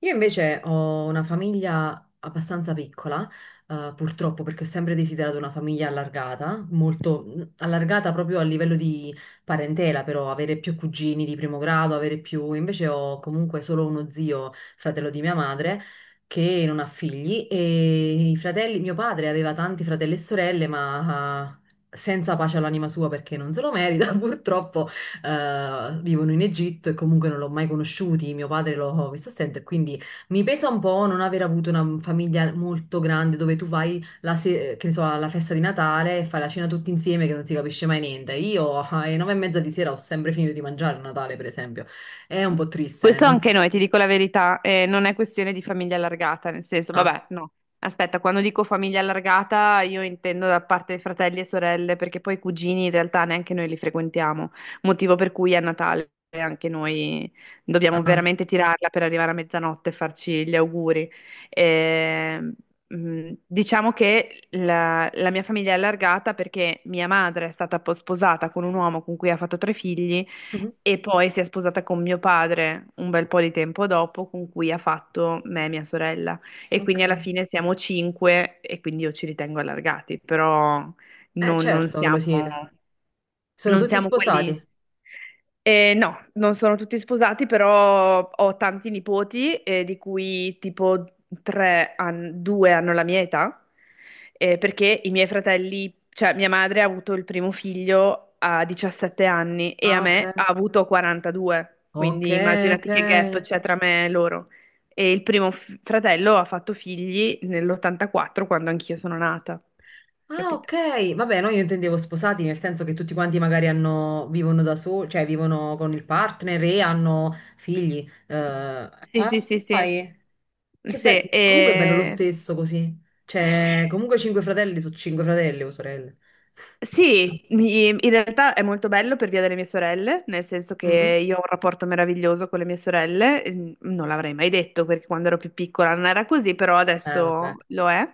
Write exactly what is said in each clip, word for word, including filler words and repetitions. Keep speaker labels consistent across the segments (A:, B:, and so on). A: Io invece ho una famiglia abbastanza piccola, eh, purtroppo, perché ho sempre desiderato una famiglia allargata, molto mm, allargata proprio a livello di parentela, però avere più cugini di primo grado, avere più. Invece ho comunque solo uno zio, fratello di mia madre, che non ha figli e i fratelli. Mio padre aveva tanti fratelli e sorelle, ma. ah, Senza pace all'anima sua perché non se lo merita, purtroppo eh, vivono in Egitto e comunque non l'ho mai conosciuti, mio padre l'ho visto a stento e quindi mi pesa un po' non aver avuto una famiglia molto grande dove tu vai la se- che ne so, alla festa di Natale e fai la cena tutti insieme che non si capisce mai niente. Io alle nove e mezza di sera ho sempre finito di mangiare a Natale, per esempio. È un po' triste, eh,
B: Questo
A: non so.
B: anche noi, ti dico la verità, eh, non è questione di famiglia allargata, nel senso,
A: Ah,
B: vabbè, no. Aspetta, quando dico famiglia allargata io intendo da parte di fratelli e sorelle, perché poi i cugini in realtà neanche noi li frequentiamo, motivo per cui a Natale anche noi dobbiamo
A: ah,
B: veramente tirarla per arrivare a mezzanotte e farci gli auguri. Eh, mh, diciamo che la, la mia famiglia è allargata perché mia madre è stata po- sposata con un uomo con cui ha fatto tre figli
A: mhm,
B: e poi si è sposata con mio padre un bel po' di tempo dopo, con cui ha fatto me e mia sorella. E quindi alla
A: ok.
B: fine siamo cinque e quindi io ci ritengo allargati, però
A: Eh,
B: non, non
A: certo che lo
B: siamo...
A: siete. Sono
B: Non
A: tutti
B: siamo quelli...
A: sposati.
B: Eh, no, non sono tutti sposati, però ho tanti nipoti, eh, di cui tipo tre han- due hanno la mia età, eh, perché i miei fratelli, cioè mia madre ha avuto il primo figlio a diciassette anni e a
A: Ah, ok.
B: me ha avuto quarantadue,
A: Ok,
B: quindi
A: ok.
B: immaginati che gap c'è tra me e loro. E il primo f- fratello ha fatto figli nell'ottantaquattro, quando anch'io sono nata,
A: Ah,
B: capito?
A: ok. Vabbè, no, io intendevo sposati, nel senso che tutti quanti magari hanno, vivono da soli, cioè vivono con il partner e hanno figli. Eh,
B: Sì, sì,
A: ah,
B: sì, sì.
A: vai. Che bello.
B: Sì,
A: Comunque è bello lo
B: e-
A: stesso così. Cioè, comunque cinque fratelli su cinque fratelli o sorelle.
B: sì, mi- in realtà è molto bello per via delle mie sorelle, nel senso
A: Mhm.
B: che io ho un rapporto meraviglioso con le mie sorelle, eh, non l'avrei mai detto perché quando ero più piccola non era così, però
A: Eh, vabbè.
B: adesso lo è.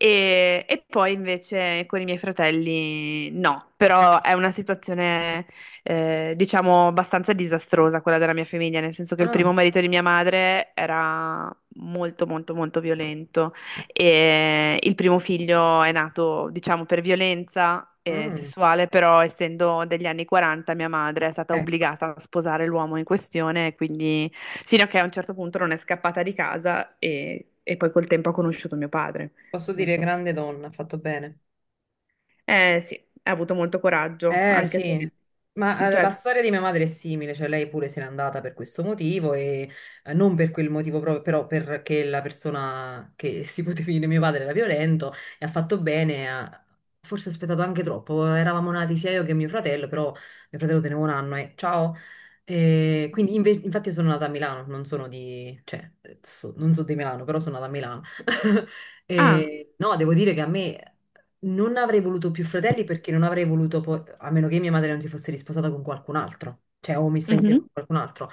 B: E, e poi invece con i miei fratelli no, però è una situazione eh, diciamo abbastanza disastrosa quella della mia famiglia, nel senso che il
A: Ah,
B: primo marito di mia madre era molto molto molto violento.
A: ecco.
B: E il primo figlio è nato, diciamo, per violenza eh,
A: Mm,
B: sessuale, però essendo degli anni quaranta mia madre è stata
A: ecco.
B: obbligata a sposare l'uomo in questione, quindi fino a che a un certo punto non è scappata di casa e, e poi col tempo ha conosciuto mio padre.
A: Posso
B: Non
A: dire
B: so.
A: grande donna, ha fatto bene.
B: Eh sì, ha avuto molto coraggio,
A: Eh
B: anche
A: sì,
B: se...
A: ma eh, la
B: Cioè...
A: storia di mia madre è simile, cioè lei pure se n'è andata per questo motivo e eh, non per quel motivo proprio, però perché la persona che si poteva definire mio padre era violento e ha fatto bene, ha forse aspettato anche troppo, eravamo nati sia io che mio fratello, però mio fratello teneva un anno e ciao. E quindi inve- infatti io sono nata a Milano, non sono di, cioè, so- non so di Milano, però sono nata a Milano.
B: Ah,
A: E, no, devo dire che a me non avrei voluto più fratelli perché non avrei voluto, poi- a meno che mia madre non si fosse risposata con qualcun altro, cioè o messa insieme
B: mhm,
A: con qualcun altro.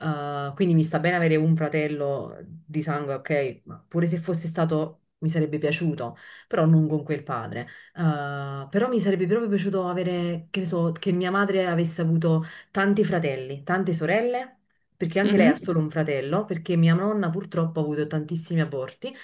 A: Uh, quindi mi sta bene avere un fratello di sangue, ok, ma pure se fosse stato, mi sarebbe piaciuto, però non con quel padre. Uh, però mi sarebbe proprio piaciuto avere, che ne so, che mia madre avesse avuto tanti fratelli, tante sorelle perché anche lei ha
B: mhm.
A: solo un fratello, perché mia nonna purtroppo ha avuto tantissimi aborti,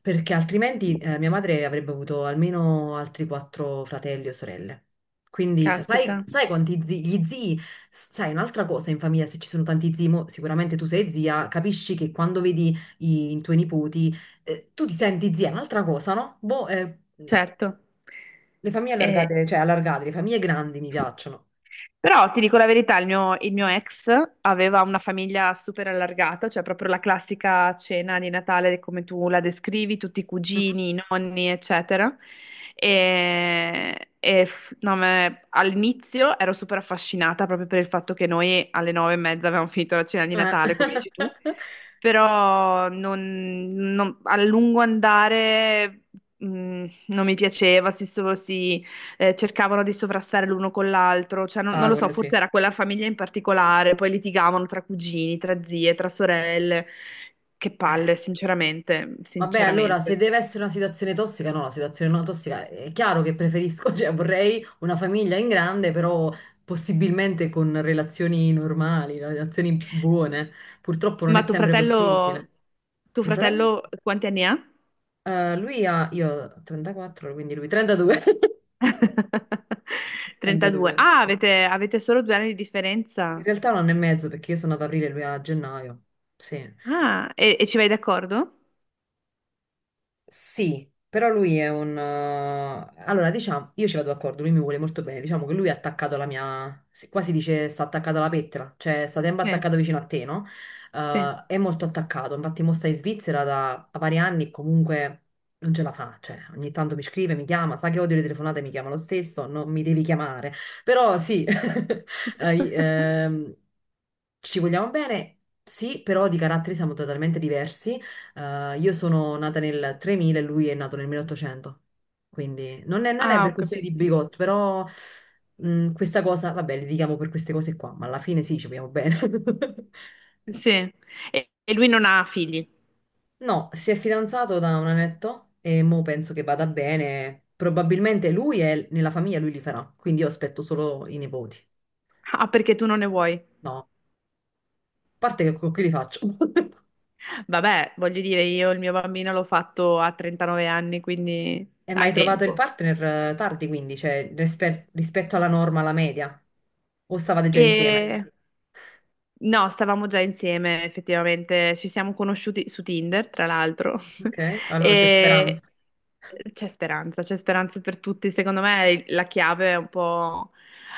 A: perché altrimenti eh, mia madre avrebbe avuto almeno altri quattro fratelli o sorelle. Quindi sa- sai,
B: Caspita,
A: sai quanti zii, gli zii, sai un'altra cosa in famiglia, se ci sono tanti zii, mo sicuramente tu sei zia, capisci che quando vedi i, i tuoi nipoti, eh, tu ti senti zia, è un'altra cosa, no? Boh, eh,
B: certo.
A: le famiglie
B: E,
A: allargate, cioè allargate, le famiglie grandi mi piacciono.
B: Però ti dico la verità, il mio, il mio ex aveva una famiglia super allargata, cioè proprio la classica cena di Natale come tu la descrivi, tutti i
A: Mhm.
B: cugini, i nonni, eccetera. E, e f- no, me- All'inizio ero super affascinata proprio per il fatto che noi alle nove e mezza avevamo finito la cena di
A: Eh.
B: Natale, come dici tu, però non- non- a lungo andare mh, non mi piaceva, si, so- si, eh, cercavano di sovrastare l'uno con l'altro, cioè non, non
A: Ah,
B: lo so,
A: quello sì.
B: forse era quella famiglia in particolare, poi litigavano tra cugini, tra zie, tra sorelle, che palle,
A: Eh,
B: sinceramente,
A: vabbè, allora, se
B: sinceramente.
A: deve essere una situazione tossica, no, una situazione non tossica, è chiaro che preferisco, cioè vorrei una famiglia in grande, però possibilmente con relazioni normali, relazioni buone. Purtroppo non è
B: Ma tuo
A: sempre
B: fratello,
A: possibile.
B: tuo
A: Mio fratello?
B: fratello quanti anni ha?
A: Eh, lui ha, io ho trentaquattro, quindi lui trentadue.
B: trentadue.
A: trentadue,
B: Ah,
A: sì.
B: avete, avete solo due anni di
A: In
B: differenza.
A: realtà un anno e mezzo, perché io sono andata ad aprile e lui a gennaio. Sì.
B: Ah, e, e ci vai d'accordo?
A: Sì, però lui è un. eh, Allora, diciamo, io ci vado d'accordo, lui mi vuole molto bene, diciamo che lui è attaccato alla mia. si- Qua si dice sta attaccato alla pettola, cioè sta sempre
B: Sì.
A: attaccato vicino a te, no?
B: Sì.
A: Eh, è molto attaccato, infatti mo sta in Svizzera da da vari anni e comunque non ce la fa, cioè ogni tanto mi scrive, mi chiama, sa che odio le telefonate, mi chiama lo stesso, non mi devi chiamare, però sì, eh, i- ehm, ci vogliamo bene, sì, però di caratteri siamo totalmente diversi. Eh, io sono nata nel tremila e lui è nato nel milleottocento, quindi non è, non è
B: Ah,
A: per
B: ho
A: questione di
B: capito.
A: bigotto, però mh, questa cosa, vabbè, litighiamo per queste cose qua, ma alla fine sì, ci vogliamo bene.
B: Sì. E, e lui non ha figli.
A: No, si è fidanzato da un annetto e mo penso che vada bene. Probabilmente lui è nella famiglia, lui li farà, quindi io aspetto solo i nipoti.
B: Ah, perché tu non ne vuoi.
A: No, a parte che con chi li faccio?
B: Vabbè, voglio dire, io il mio bambino l'ho fatto a trentanove anni, quindi
A: E mai
B: hai
A: trovato il
B: tempo.
A: partner eh, tardi, quindi, cioè rispe- rispetto alla norma, alla media? O stavate già insieme?
B: E No, stavamo già insieme, effettivamente, ci siamo conosciuti su Tinder, tra l'altro,
A: Ok, allora c'è speranza.
B: e c'è speranza, c'è speranza per tutti. Secondo me la chiave è un po'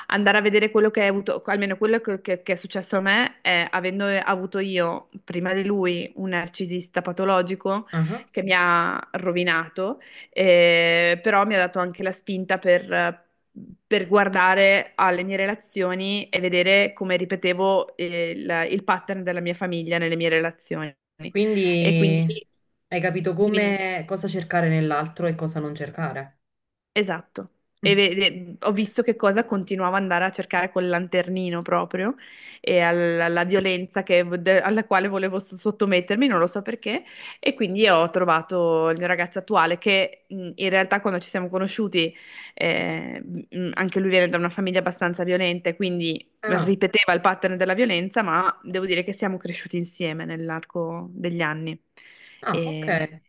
B: andare a vedere quello che hai avuto, almeno quello che, che- che è successo a me, è avendo avuto io, prima di lui, un narcisista patologico
A: Ah.
B: che mi ha rovinato, eh, però mi ha dato anche la spinta per per guardare alle mie relazioni e vedere come ripetevo eh, il, il pattern della mia famiglia nelle mie relazioni.
A: Quindi
B: E quindi,
A: hai capito
B: dimmi, dimmi.
A: come cosa cercare nell'altro e cosa non cercare.
B: Esatto. E
A: Mm.
B: vede- ho visto che cosa continuavo ad andare a cercare col lanternino proprio e al- alla violenza che- de- alla quale volevo s- sottomettermi, non lo so perché. E quindi ho trovato il mio ragazzo attuale che mh, in realtà quando ci siamo conosciuti, eh, mh, anche lui viene da una famiglia abbastanza violenta, quindi
A: Ah,
B: ripeteva il pattern della violenza, ma devo dire che siamo cresciuti insieme nell'arco degli anni.
A: ah, ok.
B: E,
A: Eh,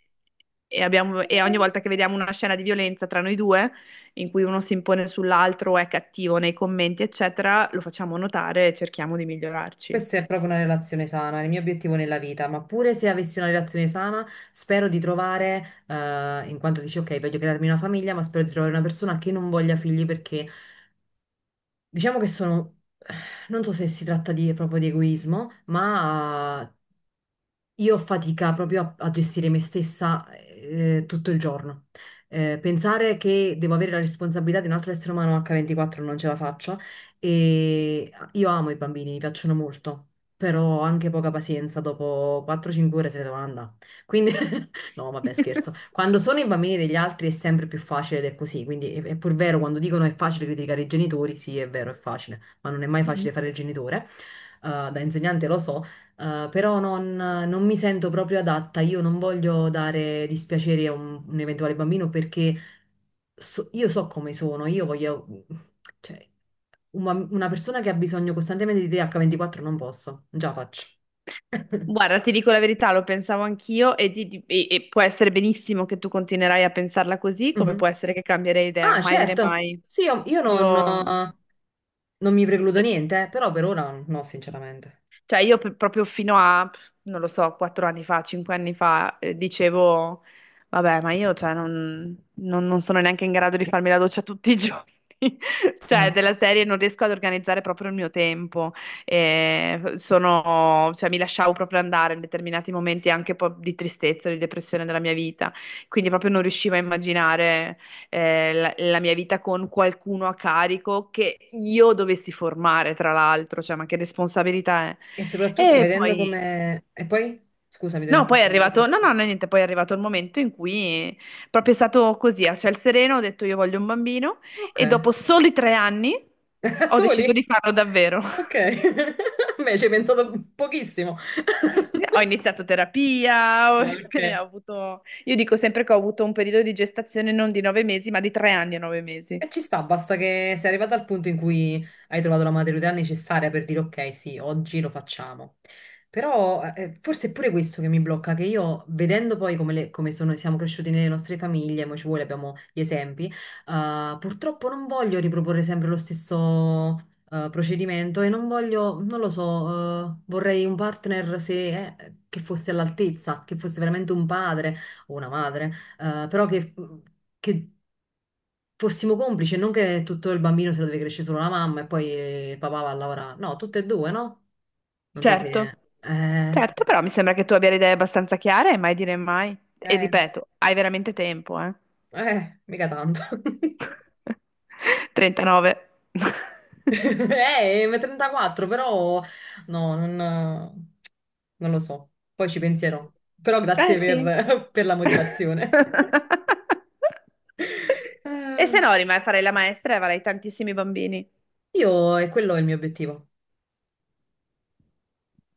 B: e abbiamo- e ogni volta che vediamo una scena di violenza tra noi due, in cui uno si impone sull'altro o è cattivo nei commenti, eccetera, lo facciamo notare e cerchiamo di migliorarci.
A: Questa è proprio una relazione sana, è il mio obiettivo nella vita, ma pure se avessi una relazione sana, spero di trovare, eh, in quanto dici, ok, voglio crearmi una famiglia, ma spero di trovare una persona che non voglia figli perché diciamo che sono, non so se si tratta di, proprio di egoismo, ma. Io ho fatica proprio a, a, gestire me stessa eh, tutto il giorno. Eh, pensare che devo avere la responsabilità di un altro essere umano acca ventiquattro non ce la faccio. E io amo i bambini, mi piacciono molto, però ho anche poca pazienza, dopo quattro o cinque ore se ne devo andare. Quindi, no, vabbè, scherzo. Quando sono i bambini degli altri è sempre più facile ed è così. Quindi è, è pur vero quando dicono è facile criticare i genitori, sì, è vero, è facile, ma non è mai facile
B: Mm.
A: fare il genitore. Eh, da insegnante lo so, eh, però non, non mi sento proprio adatta, io non voglio dare dispiacere a un, un eventuale bambino perché so- io so come sono, io voglio, cioè, un bam- una persona che ha bisogno costantemente di te acca ventiquattro non posso, non ce la faccio.
B: Guarda, ti dico la verità, lo pensavo anch'io e, ti- ti- e- e può essere benissimo che tu continuerai a pensarla così, come
A: Mhm.
B: può essere che cambierei idea,
A: Ah,
B: mai dire
A: certo,
B: mai.
A: sì, io, io non,
B: Io...
A: eh, non mi precludo niente, eh, però per ora no, sinceramente.
B: Cioè io per- proprio fino a, non lo so, quattro anni fa, cinque anni fa, eh, dicevo, vabbè, ma io cioè, non, non- non sono neanche in grado di farmi la doccia tutti i giorni.
A: Eh,
B: Cioè, della serie non riesco ad organizzare proprio il mio tempo. Eh, sono- cioè, mi lasciavo proprio andare in determinati momenti anche un po' di tristezza, di depressione della mia vita. Quindi proprio non riuscivo a immaginare eh, la, la mia vita con qualcuno a carico che io dovessi formare, tra l'altro, cioè, ma che responsabilità è?
A: E soprattutto
B: E
A: vedendo
B: poi,
A: come. E poi? Scusa, mi devo
B: no, poi è arrivato,
A: interrompere.
B: no, no, no, niente, poi è arrivato il momento in cui proprio è stato così, a ciel sereno, ho detto io voglio un bambino
A: Ok.
B: e dopo soli tre anni
A: Da
B: ho deciso di
A: soli?
B: farlo davvero.
A: Ok. Beh, ci hai pensato pochissimo.
B: Ho iniziato terapia, ho,
A: Ok.
B: ho avuto, io dico sempre che ho avuto un periodo di gestazione non di nove mesi, ma di tre anni e nove mesi.
A: E ci sta, basta che sei arrivato al punto in cui hai trovato la maturità necessaria per dire ok, sì, oggi lo facciamo. Però eh, forse è pure questo che mi blocca, che io vedendo poi come, le- come sono- siamo cresciuti nelle nostre famiglie, mo ci vuole, abbiamo gli esempi, eh, purtroppo non voglio riproporre sempre lo stesso eh, procedimento e non voglio, non lo so, eh, vorrei un partner se, eh, che fosse all'altezza, che fosse veramente un padre o una madre, eh, però che... che fossimo complici, non che tutto il bambino se lo deve crescere solo la mamma e poi eh, il papà va a lavorare. No, tutte e due, no? Non so
B: Certo,
A: se. Eh,
B: certo, però mi sembra che tu abbia le idee abbastanza chiare e mai dire mai. E
A: eh,
B: ripeto, hai veramente tempo, eh?
A: eh, mica tanto.
B: trentanove.
A: Eh, ma trentaquattro, però no, non, non lo so. Poi ci penserò. Però
B: Eh
A: grazie
B: sì.
A: per, per la motivazione.
B: E se
A: Eh,
B: no, rimani a fare la maestra e avrai tantissimi bambini.
A: Io, e quello è il mio obiettivo.